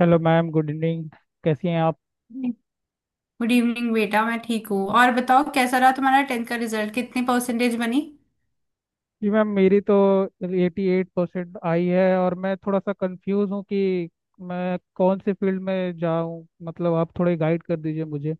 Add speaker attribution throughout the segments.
Speaker 1: Hello ma'am, good evening. कैसी हैं आप?
Speaker 2: गुड इवनिंग बेटा। मैं ठीक हूँ। और बताओ कैसा रहा तुम्हारा टेंथ का रिजल्ट? कितनी परसेंटेज बनी?
Speaker 1: जी मैम, मेरी तो एटी एट परसेंट आई है, और मैं थोड़ा सा कंफ्यूज हूँ कि मैं कौन से फील्ड में जाऊँ। मतलब आप थोड़े गाइड कर दीजिए मुझे।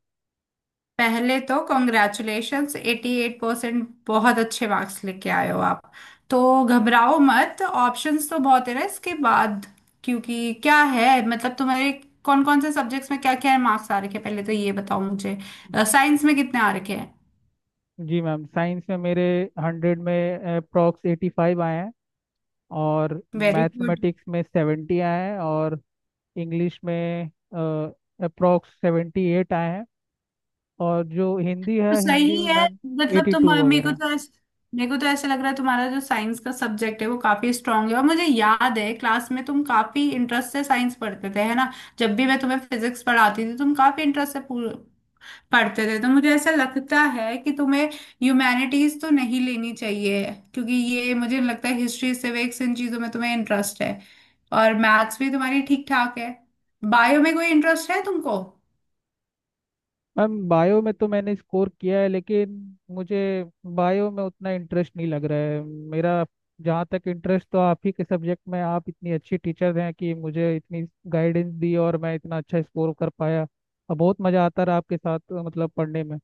Speaker 2: पहले तो कॉन्ग्रेचुलेशंस, 88 परसेंट बहुत अच्छे मार्क्स लेके आए हो आप। तो घबराओ मत, ऑप्शंस तो बहुत है ना इसके बाद। क्योंकि क्या है, तुम्हारे कौन कौन से सब्जेक्ट्स में क्या क्या मार्क्स आ रखे हैं, पहले तो ये बताओ मुझे। साइंस में कितने आ रखे हैं?
Speaker 1: जी मैम, साइंस में मेरे हंड्रेड में अप्रॉक्स एटी फाइव आए हैं, और
Speaker 2: वेरी गुड।
Speaker 1: मैथमेटिक्स में सेवेंटी आए हैं, और इंग्लिश में अप्रॉक्स सेवेंटी एट आए हैं। और जो हिंदी है,
Speaker 2: तो
Speaker 1: हिंदी
Speaker 2: सही
Speaker 1: में
Speaker 2: है।
Speaker 1: मैम,
Speaker 2: मतलब
Speaker 1: एटी
Speaker 2: तुम
Speaker 1: टू
Speaker 2: मेरे को
Speaker 1: वगैरह।
Speaker 2: तो ऐस- मेरे को तो ऐसा लग रहा है तुम्हारा जो साइंस का सब्जेक्ट है वो काफी स्ट्रांग है। और मुझे याद है क्लास में तुम काफी इंटरेस्ट से साइंस पढ़ते थे, है ना। जब भी मैं तुम्हें फिजिक्स पढ़ाती थी तुम काफी इंटरेस्ट से पढ़ते थे। तो मुझे ऐसा लगता है कि तुम्हें ह्यूमैनिटीज तो नहीं लेनी चाहिए, क्योंकि ये मुझे लगता है हिस्ट्री सिविक्स इन चीजों में तुम्हें इंटरेस्ट है। और मैथ्स भी तुम्हारी ठीक ठाक है। बायो में कोई इंटरेस्ट है तुमको?
Speaker 1: मैम बायो में तो मैंने स्कोर किया है, लेकिन मुझे बायो में उतना इंटरेस्ट नहीं लग रहा है मेरा। जहाँ तक इंटरेस्ट, तो आप ही के सब्जेक्ट में। आप इतनी अच्छी टीचर हैं कि मुझे इतनी गाइडेंस दी और मैं इतना अच्छा स्कोर कर पाया, और बहुत मज़ा आता रहा आपके साथ मतलब पढ़ने में।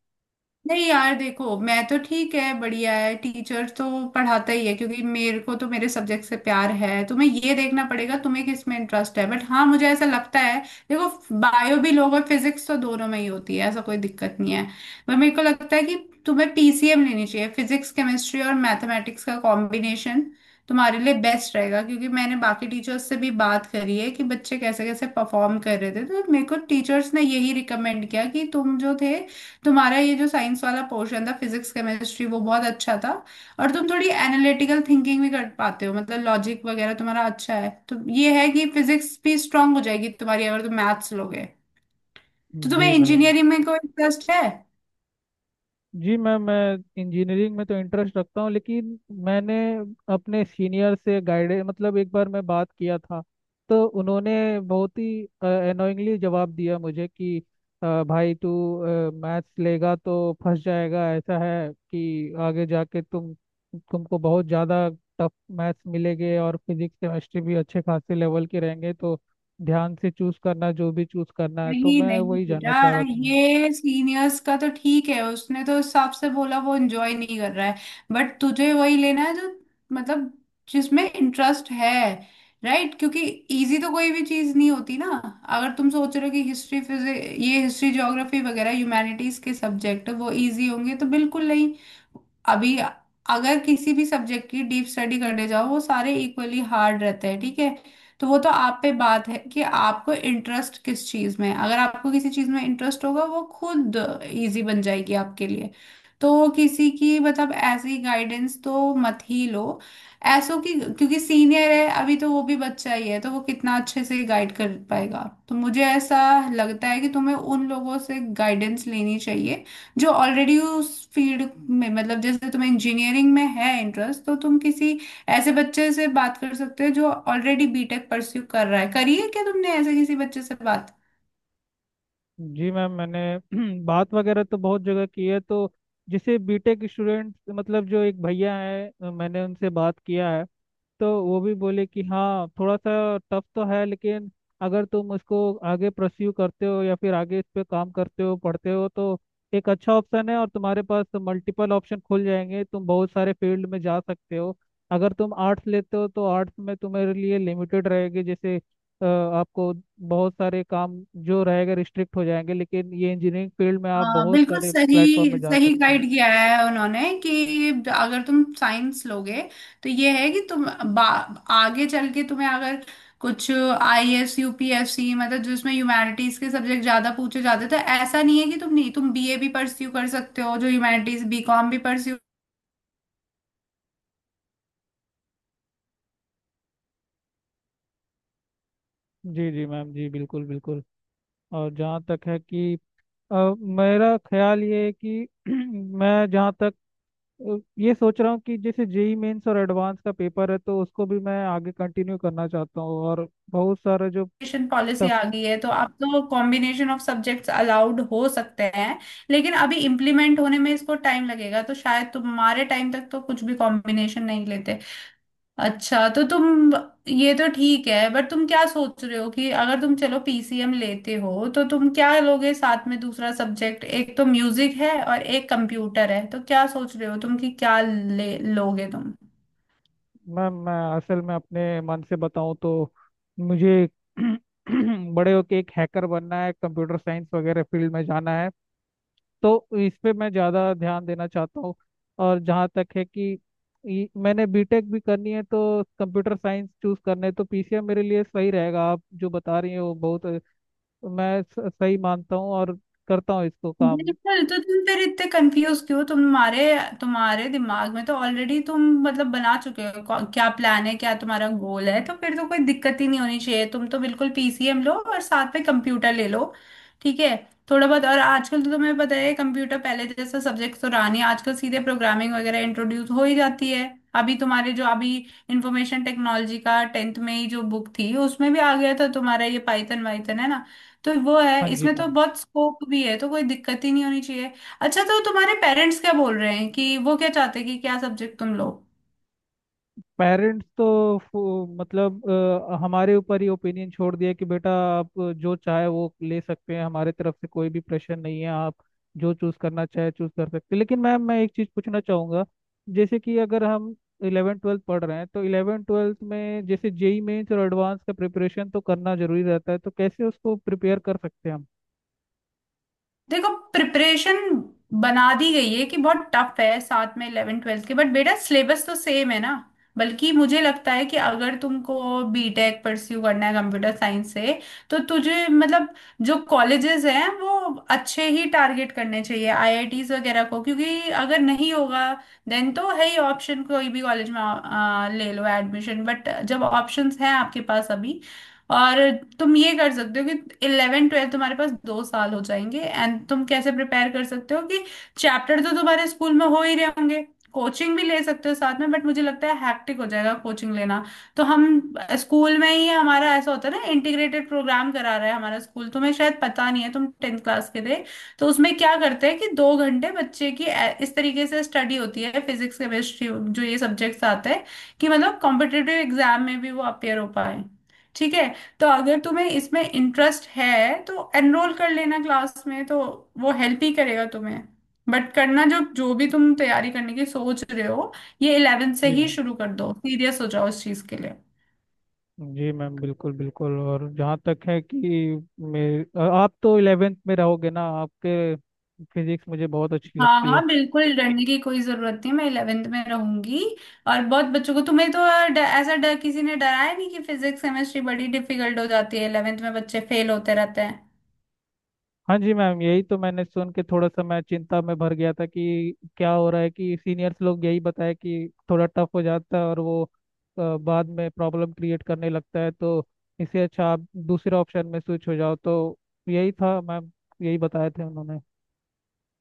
Speaker 2: नहीं यार देखो, मैं तो ठीक है बढ़िया है, टीचर तो पढ़ाता ही है क्योंकि मेरे को तो मेरे सब्जेक्ट से प्यार है। तुम्हें ये देखना पड़ेगा तुम्हें किस में इंटरेस्ट है। बट हाँ, मुझे ऐसा लगता है, देखो, बायो भी लोग और फिजिक्स तो दोनों में ही होती है, ऐसा कोई दिक्कत नहीं है। पर मेरे को लगता है कि तुम्हें पीसीएम लेनी चाहिए। फिजिक्स केमिस्ट्री और मैथमेटिक्स का कॉम्बिनेशन तुम्हारे लिए बेस्ट रहेगा। क्योंकि मैंने बाकी टीचर्स से भी बात करी है कि बच्चे कैसे कैसे परफॉर्म कर रहे थे, तो मेरे को टीचर्स ने यही रिकमेंड किया कि तुम जो थे, तुम्हारा ये जो साइंस वाला पोर्शन था फिजिक्स केमिस्ट्री वो बहुत अच्छा था। और तुम थोड़ी एनालिटिकल थिंकिंग भी कर पाते हो, लॉजिक वगैरह तुम्हारा अच्छा है। तो ये है कि फिजिक्स भी स्ट्रांग हो जाएगी तुम्हारी अगर तुम मैथ्स लोगे। तो
Speaker 1: जी
Speaker 2: तुम्हें
Speaker 1: मैम।
Speaker 2: इंजीनियरिंग में कोई इंटरेस्ट है?
Speaker 1: जी मैम, मैं इंजीनियरिंग में तो इंटरेस्ट रखता हूँ, लेकिन मैंने अपने सीनियर से गाइड, मतलब एक बार मैं बात किया था, तो उन्होंने बहुत ही अनोइंगली जवाब दिया मुझे कि भाई तू मैथ्स लेगा तो फंस जाएगा। ऐसा है कि आगे जाके तुमको बहुत ज़्यादा टफ मैथ्स मिलेंगे, और फिजिक्स केमिस्ट्री भी अच्छे खासे लेवल के रहेंगे, तो ध्यान से चूज़ करना जो भी चूज़ करना है। तो
Speaker 2: नहीं
Speaker 1: मैं
Speaker 2: नहीं
Speaker 1: वही जानना
Speaker 2: बेटा,
Speaker 1: चाह रहा था मैम।
Speaker 2: ये सीनियर्स का तो ठीक है, उसने तो उस हिसाब से बोला, वो एंजॉय नहीं कर रहा है। बट तुझे वही लेना है जो मतलब जिसमें इंटरेस्ट है, राइट। क्योंकि इजी तो कोई भी चीज नहीं होती ना। अगर तुम सोच रहे हो कि हिस्ट्री फिजिक ये हिस्ट्री ज्योग्राफी वगैरह ह्यूमैनिटीज के सब्जेक्ट वो इजी होंगे, तो बिल्कुल नहीं। अभी अगर किसी भी सब्जेक्ट की डीप स्टडी करने जाओ वो सारे इक्वली हार्ड रहते हैं, ठीक है। तो वो तो आप पे बात है कि आपको इंटरेस्ट किस चीज में है। अगर आपको किसी चीज में इंटरेस्ट होगा वो खुद इजी बन जाएगी आपके लिए। तो किसी की ऐसी गाइडेंस तो मत ही लो ऐसो की, क्योंकि सीनियर है, अभी तो वो भी बच्चा ही है, तो वो कितना अच्छे से गाइड कर पाएगा। तो मुझे ऐसा लगता है कि तुम्हें उन लोगों से गाइडेंस लेनी चाहिए जो ऑलरेडी उस फील्ड में, जैसे तुम्हें इंजीनियरिंग में है इंटरेस्ट, तो तुम किसी ऐसे बच्चे से बात कर सकते हो जो ऑलरेडी बीटेक परस्यू कर रहा है। करी है क्या तुमने ऐसे किसी बच्चे से बात?
Speaker 1: जी मैम, मैंने बात वगैरह तो बहुत जगह की है। तो जैसे B.Tech स्टूडेंट, मतलब जो एक भैया है, मैंने उनसे बात किया है, तो वो भी बोले कि हाँ थोड़ा सा टफ तो है, लेकिन अगर तुम उसको आगे प्रस्यू करते हो या फिर आगे इस पे काम करते हो, पढ़ते हो, तो एक अच्छा ऑप्शन है। और तुम्हारे पास मल्टीपल ऑप्शन खुल जाएंगे, तुम बहुत सारे फील्ड में जा सकते हो। अगर तुम आर्ट्स लेते हो तो आर्ट्स में तुम्हारे लिए लिमिटेड रहेगी। जैसे आपको बहुत सारे काम जो रहेगा रिस्ट्रिक्ट हो जाएंगे, लेकिन ये इंजीनियरिंग फील्ड में आप
Speaker 2: हाँ
Speaker 1: बहुत
Speaker 2: बिल्कुल,
Speaker 1: सारे
Speaker 2: सही
Speaker 1: प्लेटफॉर्म में जा
Speaker 2: सही
Speaker 1: सकते हैं।
Speaker 2: गाइड किया है उन्होंने कि अगर तुम साइंस लोगे तो ये है कि तुम आगे चल के तुम्हें अगर कुछ आईएएस यूपीएससी, जिसमें ह्यूमैनिटीज के सब्जेक्ट ज्यादा पूछे जाते, तो ऐसा नहीं है कि तुम नहीं, तुम बीए भी परस्यू कर सकते हो जो ह्यूमैनिटीज, बीकॉम भी परस्यू।
Speaker 1: जी जी मैम, जी बिल्कुल बिल्कुल। और जहाँ तक है कि अ, मेरा ख्याल ये है कि मैं जहाँ तक, ये सोच रहा हूँ कि जैसे JEE मेंस और एडवांस का पेपर है, तो उसको भी मैं आगे कंटिन्यू करना चाहता हूँ। और बहुत सारे जो
Speaker 2: एजुकेशन पॉलिसी
Speaker 1: टफ।
Speaker 2: आ गई है तो अब तो कॉम्बिनेशन ऑफ सब्जेक्ट्स अलाउड हो सकते हैं, लेकिन अभी इम्प्लीमेंट होने में इसको टाइम लगेगा तो शायद तुम्हारे टाइम तक तो कुछ भी कॉम्बिनेशन नहीं लेते। अच्छा तो तुम, ये तो ठीक है, बट तुम क्या सोच रहे हो कि अगर तुम चलो पीसीएम लेते हो तो तुम क्या लोगे साथ में दूसरा सब्जेक्ट, एक तो म्यूजिक है और एक कंप्यूटर है, तो क्या सोच रहे हो तुम कि क्या ले लोगे तुम?
Speaker 1: मैं असल में अपने मन से बताऊँ तो मुझे बड़े होके एक हैकर बनना है, कंप्यूटर साइंस वगैरह फील्ड में जाना है, तो इस पे मैं ज़्यादा ध्यान देना चाहता हूँ। और जहाँ तक है कि मैंने B.Tech भी करनी है तो कंप्यूटर साइंस चूज करना है, तो PCM मेरे लिए सही रहेगा। आप जो बता रही हैं वो बहुत मैं सही मानता हूँ, और करता हूँ इसको काम।
Speaker 2: बिल्कुल, तो तुम फिर इतने कंफ्यूज क्यों? तुम्हारे तुम्हारे दिमाग में तो ऑलरेडी तुम बना चुके हो क्या प्लान है, क्या तुम्हारा गोल है, तो फिर तो कोई दिक्कत ही नहीं होनी चाहिए। तुम तो बिल्कुल पीसीएम लो और साथ में कंप्यूटर ले लो, ठीक है। थोड़ा बहुत, और आजकल तो तुम्हें पता है कंप्यूटर पहले जैसा सब्जेक्ट तो रहा नहीं, आजकल सीधे प्रोग्रामिंग वगैरह इंट्रोड्यूस हो ही जाती है। अभी तुम्हारे जो अभी इंफॉर्मेशन टेक्नोलॉजी का टेंथ में ही जो बुक थी उसमें भी आ गया था तुम्हारा ये पाइथन वाइथन, है ना। तो वो है,
Speaker 1: हाँ जी
Speaker 2: इसमें तो
Speaker 1: मैम।
Speaker 2: बहुत स्कोप भी है, तो कोई दिक्कत ही नहीं होनी चाहिए। अच्छा तो तुम्हारे पेरेंट्स क्या बोल रहे हैं, कि वो क्या चाहते हैं कि क्या सब्जेक्ट तुम लो?
Speaker 1: पेरेंट्स तो मतलब हमारे ऊपर ही ओपिनियन छोड़ दिया कि बेटा आप जो चाहे वो ले सकते हैं, हमारे तरफ से कोई भी प्रेशर नहीं है, आप जो चूज करना चाहे चूज कर सकते हैं। लेकिन मैम मैं एक चीज पूछना चाहूंगा, जैसे कि अगर हम इलेवन ट्वेल्थ पढ़ रहे हैं तो इलेवन ट्वेल्थ में जैसे जेई मेंस और एडवांस का प्रिपरेशन तो करना जरूरी रहता है, तो कैसे उसको प्रिपेयर कर सकते हैं हम?
Speaker 2: देखो, प्रिपरेशन बना दी गई है कि बहुत टफ है साथ में इलेवन ट्वेल्थ के, बट बेटा सिलेबस तो सेम है ना। बल्कि मुझे लगता है कि अगर तुमको बीटेक परस्यू करना है कंप्यूटर साइंस से, तो तुझे मतलब जो कॉलेजेस हैं वो अच्छे ही टारगेट करने चाहिए, आईआईटीज वगैरह को। क्योंकि अगर नहीं होगा देन तो है ही ऑप्शन, कोई भी कॉलेज में ले लो एडमिशन, बट जब ऑप्शंस हैं आपके पास अभी। और तुम ये कर सकते हो कि इलेवन ट्वेल्थ तुम्हारे पास दो साल हो जाएंगे, एंड तुम कैसे प्रिपेयर कर सकते हो कि चैप्टर तो तुम्हारे स्कूल में हो ही रहे होंगे, कोचिंग भी ले सकते हो साथ में, बट मुझे लगता है हैक्टिक हो जाएगा कोचिंग लेना। तो हम स्कूल में ही, हमारा ऐसा होता है ना, इंटीग्रेटेड प्रोग्राम करा रहा है हमारा स्कूल, तुम्हें शायद पता नहीं है तुम टेंथ क्लास के थे। तो उसमें क्या करते हैं कि दो घंटे बच्चे की इस तरीके से स्टडी होती है फिजिक्स केमिस्ट्री जो ये सब्जेक्ट्स आते हैं, कि कॉम्पिटेटिव एग्जाम में भी वो अपेयर हो पाए, ठीक है। तो अगर तुम्हें इसमें इंटरेस्ट है तो एनरोल कर लेना क्लास में, तो वो हेल्प ही करेगा तुम्हें। बट करना, जो जो भी तुम तैयारी करने की सोच रहे हो ये इलेवेंथ से
Speaker 1: जी
Speaker 2: ही शुरू कर दो, सीरियस हो जाओ इस चीज के लिए।
Speaker 1: जी मैम, बिल्कुल बिल्कुल। और जहाँ तक है कि मेरे, आप तो इलेवेंथ में रहोगे ना? आपके फिजिक्स मुझे बहुत अच्छी
Speaker 2: हाँ
Speaker 1: लगती
Speaker 2: हाँ
Speaker 1: है।
Speaker 2: बिल्कुल, डरने की कोई जरूरत नहीं, मैं इलेवेंथ में रहूंगी। और बहुत बच्चों को, तुम्हें तो ऐसा डर किसी ने डराया नहीं कि फिजिक्स केमिस्ट्री बड़ी डिफिकल्ट हो जाती है इलेवेंथ में बच्चे फेल होते रहते हैं।
Speaker 1: हाँ जी मैम, यही तो मैंने सुन के थोड़ा सा मैं चिंता में भर गया था कि क्या हो रहा है। कि सीनियर्स लोग यही बताया कि थोड़ा टफ हो जाता है, और वो बाद में प्रॉब्लम क्रिएट करने लगता है, तो इससे अच्छा आप दूसरे ऑप्शन में स्विच हो जाओ। तो यही था मैम, यही बताए थे उन्होंने।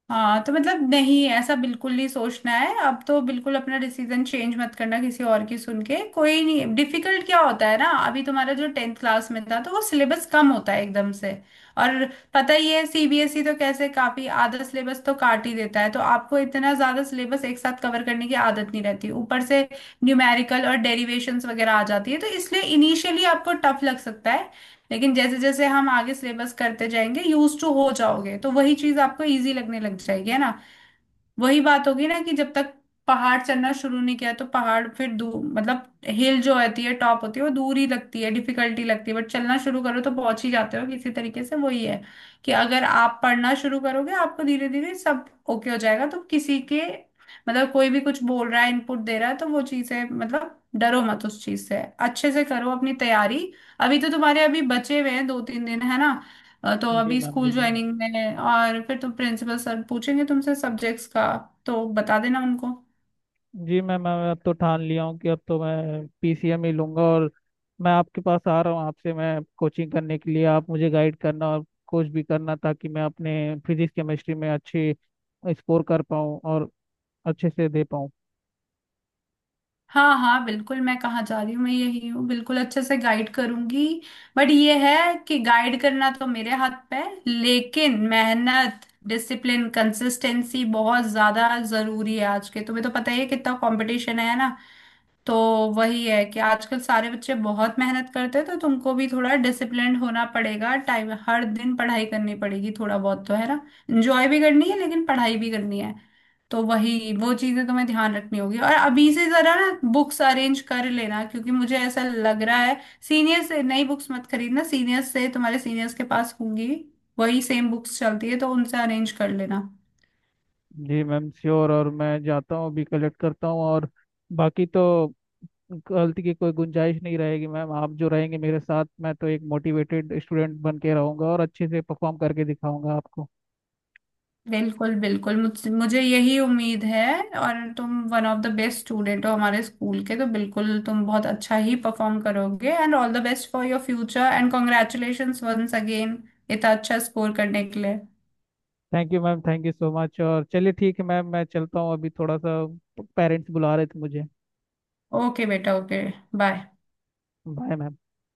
Speaker 2: हाँ तो नहीं, ऐसा बिल्कुल नहीं सोचना है, अब तो बिल्कुल अपना डिसीजन चेंज मत करना किसी और की सुन के, कोई नहीं। डिफिकल्ट क्या होता है ना, अभी तुम्हारा जो टेंथ क्लास में था तो वो सिलेबस कम होता है एकदम से। और पता ही है सीबीएसई तो कैसे काफी आधा सिलेबस तो काट ही देता है, तो आपको इतना ज्यादा सिलेबस एक साथ कवर करने की आदत नहीं रहती, ऊपर से न्यूमेरिकल और डेरिवेशंस वगैरह आ जाती है, तो इसलिए इनिशियली आपको टफ लग सकता है। लेकिन जैसे जैसे हम आगे सिलेबस करते जाएंगे यूज टू हो जाओगे, तो वही चीज आपको इजी लगने लग जाएगी, है ना। वही बात होगी ना कि जब तक पहाड़ चढ़ना शुरू नहीं किया तो पहाड़ फिर दूर, हिल जो होती है टॉप होती है वो दूर ही लगती है, डिफिकल्टी लगती है, बट चलना शुरू करो तो पहुंच ही जाते हो किसी तरीके से। वही है कि अगर आप पढ़ना शुरू करोगे आपको धीरे धीरे सब ओके हो जाएगा। तो किसी के कोई भी कुछ बोल रहा है इनपुट दे रहा है तो वो चीजें, डरो मत उस चीज से, अच्छे से करो अपनी तैयारी। अभी तो तुम्हारे अभी बचे हुए हैं दो तीन दिन, है ना। तो
Speaker 1: जी
Speaker 2: अभी
Speaker 1: मैम, जी
Speaker 2: स्कूल
Speaker 1: मैम।
Speaker 2: ज्वाइनिंग में है और फिर तुम प्रिंसिपल सर पूछेंगे तुमसे सब्जेक्ट्स का, तो बता देना उनको।
Speaker 1: जी मैं, अब तो ठान लिया हूँ कि अब तो मैं PCM ही लूंगा। और मैं आपके पास आ रहा हूँ, आपसे मैं कोचिंग करने के लिए। आप मुझे गाइड करना और कोच भी करना ताकि मैं अपने फिजिक्स केमिस्ट्री में अच्छे स्कोर कर पाऊँ और अच्छे से दे पाऊँ।
Speaker 2: हाँ हाँ बिल्कुल, मैं कहाँ जा रही हूँ, मैं यही हूँ, बिल्कुल अच्छे से गाइड करूंगी। बट ये है कि गाइड करना तो मेरे हाथ पे है, लेकिन मेहनत डिसिप्लिन कंसिस्टेंसी बहुत ज्यादा जरूरी है। आज के तुम्हें तो पता ही है कितना कंपटीशन है ना। तो वही है कि आजकल सारे बच्चे बहुत मेहनत करते हैं, तो तुमको भी थोड़ा डिसिप्लिन्ड होना पड़ेगा, टाइम हर दिन पढ़ाई करनी पड़ेगी थोड़ा बहुत, तो है ना, एंजॉय भी करनी है लेकिन पढ़ाई भी करनी है। तो वही वो चीजें तुम्हें ध्यान रखनी होगी। और अभी से जरा ना बुक्स अरेंज कर लेना, क्योंकि मुझे ऐसा लग रहा है, सीनियर से, नई बुक्स मत खरीदना, सीनियर्स से तुम्हारे सीनियर्स के पास होंगी, वही सेम बुक्स चलती है, तो उनसे अरेंज कर लेना।
Speaker 1: जी मैम श्योर। और मैं जाता हूँ अभी, कलेक्ट करता हूँ। और बाकी तो गलती की कोई गुंजाइश नहीं रहेगी मैम, आप जो रहेंगे मेरे साथ। मैं तो एक मोटिवेटेड स्टूडेंट बन के रहूँगा, और अच्छे से परफॉर्म करके दिखाऊंगा आपको।
Speaker 2: बिल्कुल बिल्कुल, मुझे यही उम्मीद है। और तुम one of the best student हो हमारे स्कूल के, तो बिल्कुल तुम बहुत अच्छा ही परफॉर्म करोगे। And all the best for your future, and congratulations once again इतना अच्छा स्कोर करने के लिए।
Speaker 1: Thank you ma'am, thank you so much. और चलिए ठीक है मैम, मैं चलता हूँ अभी। थोड़ा सा पेरेंट्स बुला रहे थे मुझे।
Speaker 2: ओके बेटा, ओके, बाय।
Speaker 1: Bye ma'am.